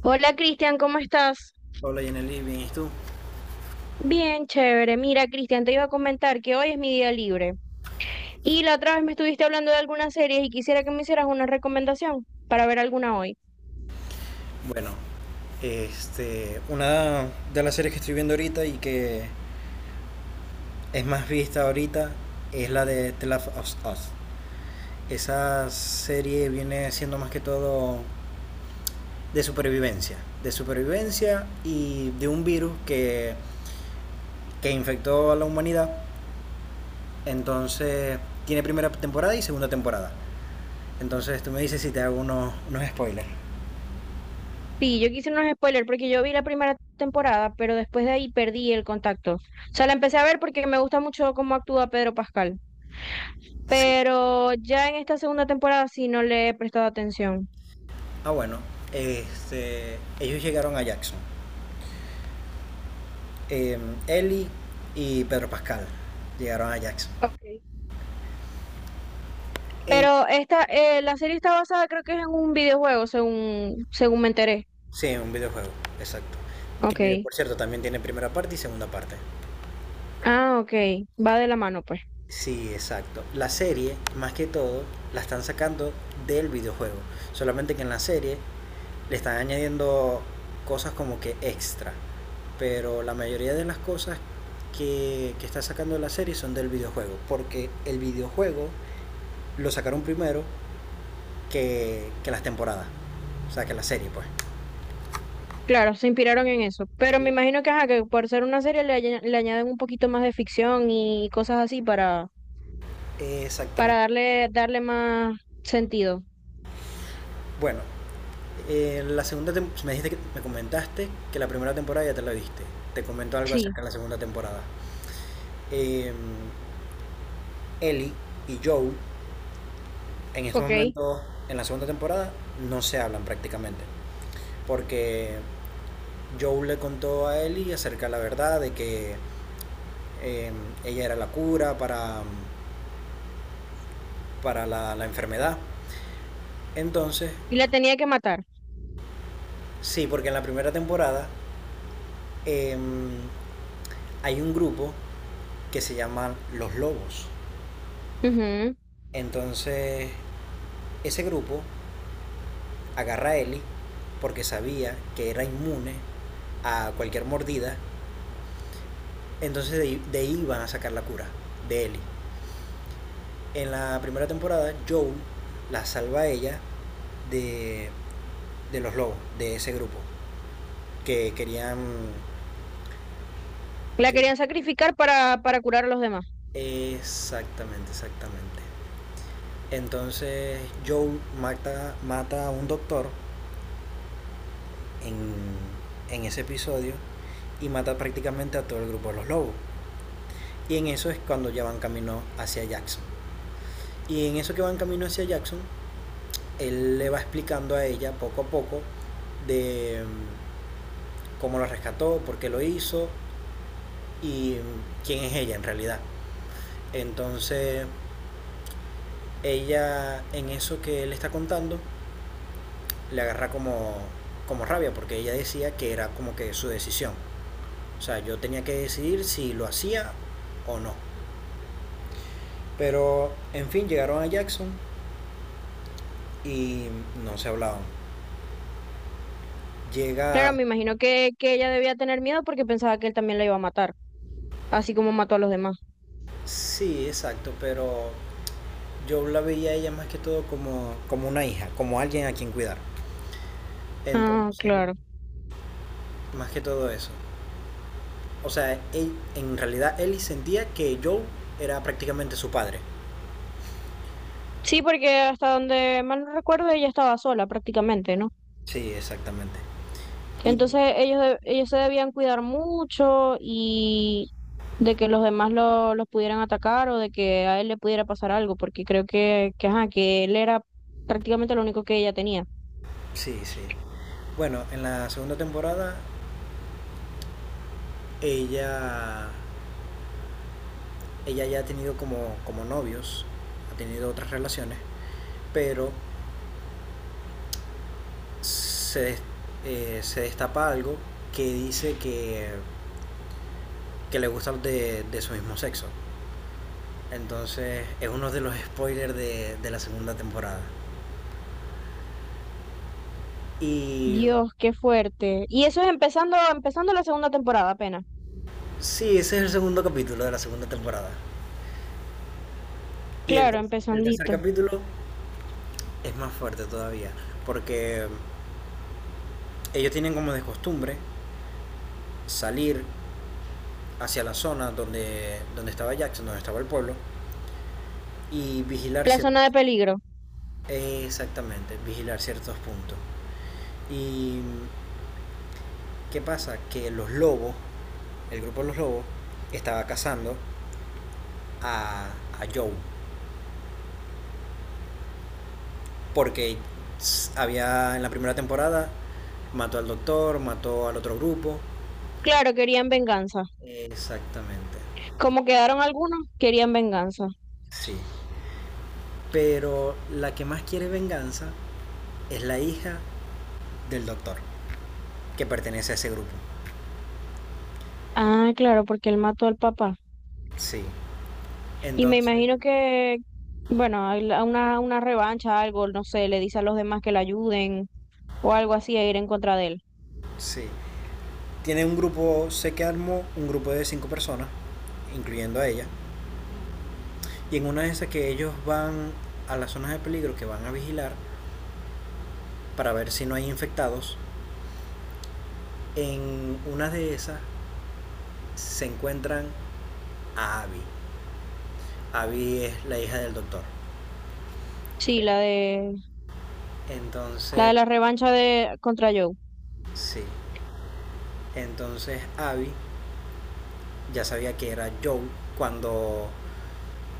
Hola Cristian, ¿cómo estás? Hola Yaneli, bien, ¿y tú? Bien, chévere. Mira, Cristian, te iba a comentar que hoy es mi día libre. Y la otra vez me estuviste hablando de algunas series y quisiera que me hicieras una recomendación para ver alguna hoy. Bueno, una de las series que estoy viendo ahorita y que es más vista ahorita es la de The Last of Us. Esa serie viene siendo más que todo de supervivencia, de supervivencia y de un virus que infectó a la humanidad. Entonces, tiene primera temporada y segunda temporada. Entonces, tú me dices si te hago unos spoilers. Sí, yo quise unos spoilers porque yo vi la primera temporada, pero después de ahí perdí el contacto. O sea, la empecé a ver porque me gusta mucho cómo actúa Pedro Pascal. Sí. Pero ya en esta segunda temporada sí no le he prestado atención. Ah, bueno, ellos llegaron a Jackson, eh, Ellie y Pedro Pascal llegaron a Jax. Okay. Eh, Pero esta, la serie está basada creo que es en un videojuego, según me enteré. Sí, un videojuego, exacto. Que Ok. por cierto también tiene primera parte y segunda parte. Ah, ok, va de la mano, pues. Sí, exacto. La serie, más que todo, la están sacando del videojuego. Solamente que en la serie le están añadiendo cosas como que extra. Pero la mayoría de las cosas que está sacando la serie son del videojuego. Porque el videojuego lo sacaron primero que las temporadas. O sea, que la serie, pues. Claro, se inspiraron en eso. Pero me imagino que, ajá, que por ser una serie le, le añaden un poquito más de ficción y cosas así para, Exactamente. para darle más sentido. Bueno, pues me comentaste que la primera temporada ya te la viste. Te comento algo Sí, acerca de la segunda temporada. Eh, Ellie y Joel en estos ok. momentos, en la segunda temporada, no se hablan prácticamente. Porque Joel le contó a Ellie acerca de la verdad de que eh, ella era la cura para la enfermedad. Entonces, Y la tenía que matar. sí, porque en la primera temporada em, hay un grupo que se llaman Los Lobos. Ujú. Entonces, ese grupo agarra a Ellie porque sabía que era inmune a cualquier mordida. Entonces, de ahí van a sacar la cura de Ellie. En la primera temporada, Joel la salva a ella de, de los lobos, de ese grupo, que querían... La que- querían sacrificar para curar a los demás. Exactamente, exactamente. Entonces Joel mata a un doctor en, en ese episodio y mata prácticamente a todo el grupo de los lobos. Y en eso es cuando ya van camino hacia Jackson. Y en eso que van camino hacia Jackson, él le va explicando a ella poco a poco de cómo lo rescató, por qué lo hizo y quién es ella en realidad. Entonces ella en eso que él está contando le agarra como, como rabia porque ella decía que era como que su decisión. O sea, yo tenía que decidir si lo hacía o no. Pero en fin, llegaron a Jackson y no se hablaban. Llega, Claro, me imagino que ella debía tener miedo porque pensaba que él también la iba a matar, así como mató a los demás. sí, exacto, pero yo la veía a ella más que todo como, como una hija, como alguien a quien cuidar. Ah, Entonces, claro. más que todo eso. O sea, en realidad Ellie sentía que Joe era prácticamente su padre. Sí, porque hasta donde mal no recuerdo, ella estaba sola prácticamente, ¿no? Sí, exactamente. Y Entonces ellos, ellos se debían cuidar mucho y de que los demás los pudieran atacar o de que a él le pudiera pasar algo, porque creo que, ajá, que él era prácticamente lo único que ella tenía. sí, sí. Bueno, en la segunda temporada ella ella ya ha tenido como, como novios, ha tenido otras relaciones, pero se, se destapa algo que dice que le gusta de su mismo sexo. Entonces es uno de los spoilers de la segunda temporada. Y Dios, qué fuerte. Y eso es empezando, empezando la segunda temporada apenas. sí, ese es el segundo capítulo de la segunda temporada. Y Claro, el tercer empezandito. capítulo es más fuerte todavía, porque ellos tienen como de costumbre salir hacia la zona donde, donde estaba Jackson, donde estaba el pueblo, y vigilar La zona de ciertos... peligro. Exactamente, vigilar ciertos puntos. Y ¿qué pasa? Que los lobos, el grupo de Los Lobos, estaba cazando a, a Joe. Porque había en la primera temporada, mató al doctor, mató al otro grupo. Claro, querían venganza. Exactamente, Como quedaron algunos, querían venganza. sí. Pero la que más quiere venganza es la hija del doctor, que pertenece a ese grupo. Ah, claro, porque él mató al papá. Sí. Y me Entonces, imagino que, bueno, hay una revancha, algo, no sé, le dice a los demás que le ayuden o algo así a ir en contra de él. sí. Tiene un grupo, sé que armó un grupo de cinco personas, incluyendo a ella. Y en una de esas que ellos van a las zonas de peligro que van a vigilar para ver si no hay infectados, en una de esas se encuentran a Abby. Abby es la hija del doctor. Sí, la de Entonces, la revancha de contra Joe. sí. Entonces Abby ya sabía que era Joel cuando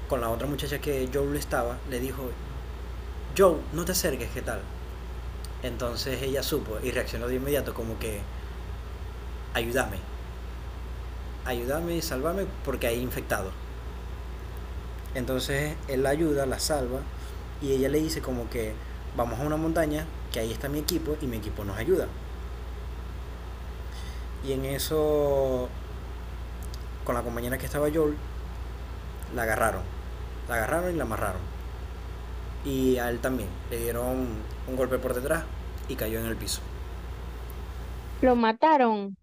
con la otra muchacha que Joel estaba le dijo, Joel, no te acerques, ¿qué tal? Entonces ella supo y reaccionó de inmediato como que, ayúdame, ayúdame y sálvame porque hay infectados. Entonces él la ayuda, la salva y ella le dice como que vamos a una montaña, que ahí está mi equipo y mi equipo nos ayuda. Y en eso, con la compañera que estaba Joel, la agarraron. La agarraron y la amarraron. Y a él también. Le dieron un golpe por detrás y cayó en el piso. Lo mataron.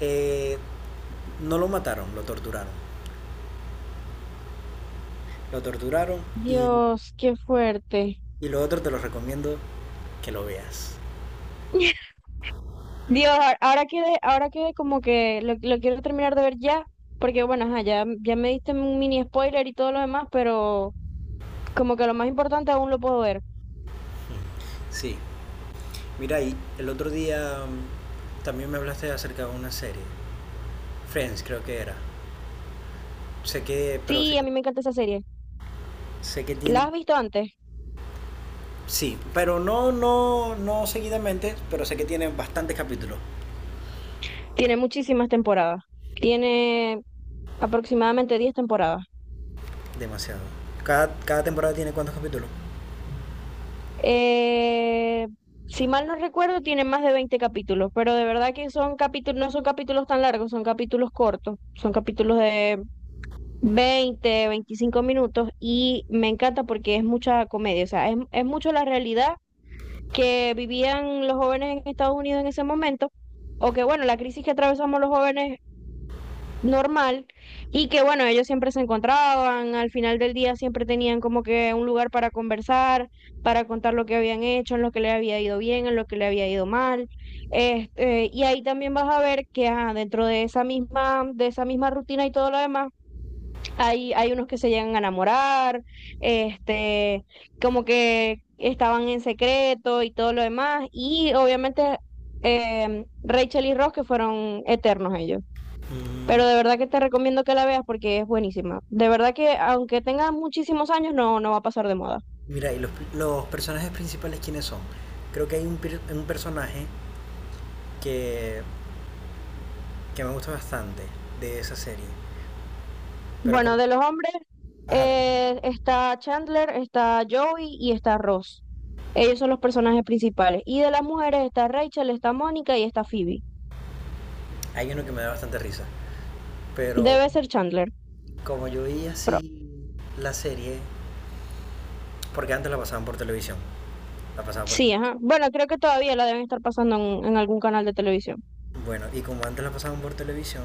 Eh, no lo mataron, lo torturaron. Lo torturaron y, Dios, qué fuerte. y lo otro te lo recomiendo que lo veas. Dios, ahora quedé como que lo quiero terminar de ver ya, porque bueno, ajá, ya, ya me diste un mini spoiler y todo lo demás, pero como que lo más importante aún lo puedo ver. Sí. Mira, y el otro día también me hablaste acerca de una serie. Friends creo que era. Sé que, pero sé Sí, a que, mí me encanta esa serie. sé que ¿La tiene, has visto antes? sí, pero no, no seguidamente, pero sé que tiene bastantes capítulos, Tiene muchísimas temporadas. Tiene aproximadamente 10 temporadas. demasiado. Cada temporada tiene cuántos capítulos. Eh, si mal no recuerdo, tiene más de 20 capítulos, pero de verdad que son capítulos, no son capítulos tan largos, son capítulos cortos, son capítulos de 20, 25 minutos y me encanta porque es mucha comedia, o sea, es mucho la realidad que vivían los jóvenes en Estados Unidos en ese momento, o que bueno, la crisis que atravesamos los jóvenes normal. Y que bueno, ellos siempre se encontraban, al final del día siempre tenían como que un lugar para conversar, para contar lo que habían hecho, en lo que le había ido bien, en lo que le había ido mal. Y ahí también vas a ver que ajá, dentro de esa misma rutina y todo lo demás, hay unos que se llegan a enamorar, este, como que estaban en secreto y todo lo demás, y obviamente Rachel y Ross que fueron eternos ellos. Mm, Pero de verdad que te recomiendo que la veas porque es buenísima. De verdad que aunque tenga muchísimos años, no, no va a pasar de moda. mira, y los personajes principales, ¿quiénes son? Creo que hay un personaje que, que me gusta bastante de esa serie, pero con- Bueno, de los hombres ajá, está Chandler, está Joey y está Ross. Ellos son los personajes principales. Y de las mujeres está Rachel, está Mónica y está Phoebe. hay uno que me da bastante risa, pero Debe ser Chandler. como yo vi Pero, así la serie, porque antes la pasaban por televisión, la pasaban por sí, televisión. ajá. Bueno, creo que todavía la deben estar pasando en algún canal de televisión. Bueno, y como antes la pasaban por televisión,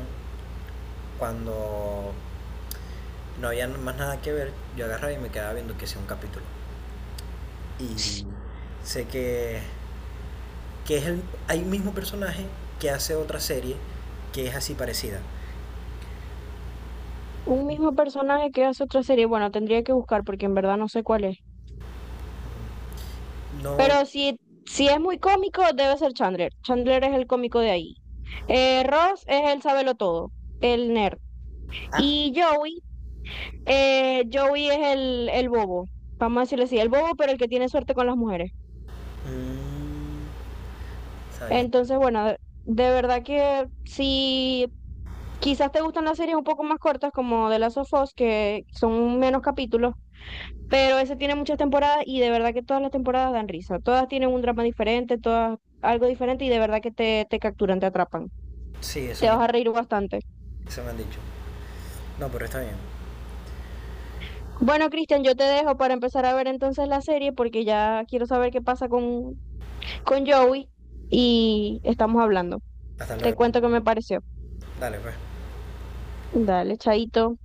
cuando no había más nada que ver, yo agarraba y me quedaba viendo que sea un capítulo. Y sé que es el hay mismo personaje que hace otra serie que es así parecida. Un mismo personaje que hace otra serie. Bueno, tendría que buscar porque en verdad no sé cuál es. No. Pero si, si es muy cómico, debe ser Chandler. Chandler es el cómico de ahí. Ross es el sabelo todo, el nerd. Ah, Y Joey, Joey es el bobo. Vamos a decirle así, el bobo, pero el que tiene suerte con las mujeres. mm, está bien. Entonces, bueno, de verdad que si quizás te gustan las series un poco más cortas, como de Last of Us, que son menos capítulos, pero ese tiene muchas temporadas y de verdad que todas las temporadas dan risa. Todas tienen un drama diferente, todas algo diferente y de verdad que te capturan, te atrapan. Sí, Te vas a reír bastante. eso me han dicho. No, pero está bien. Bueno, Cristian, yo te dejo para empezar a ver entonces la serie porque ya quiero saber qué pasa con Joey y estamos hablando. Hasta Te luego. cuento qué me pareció. Dale, pues. Dale, chaito.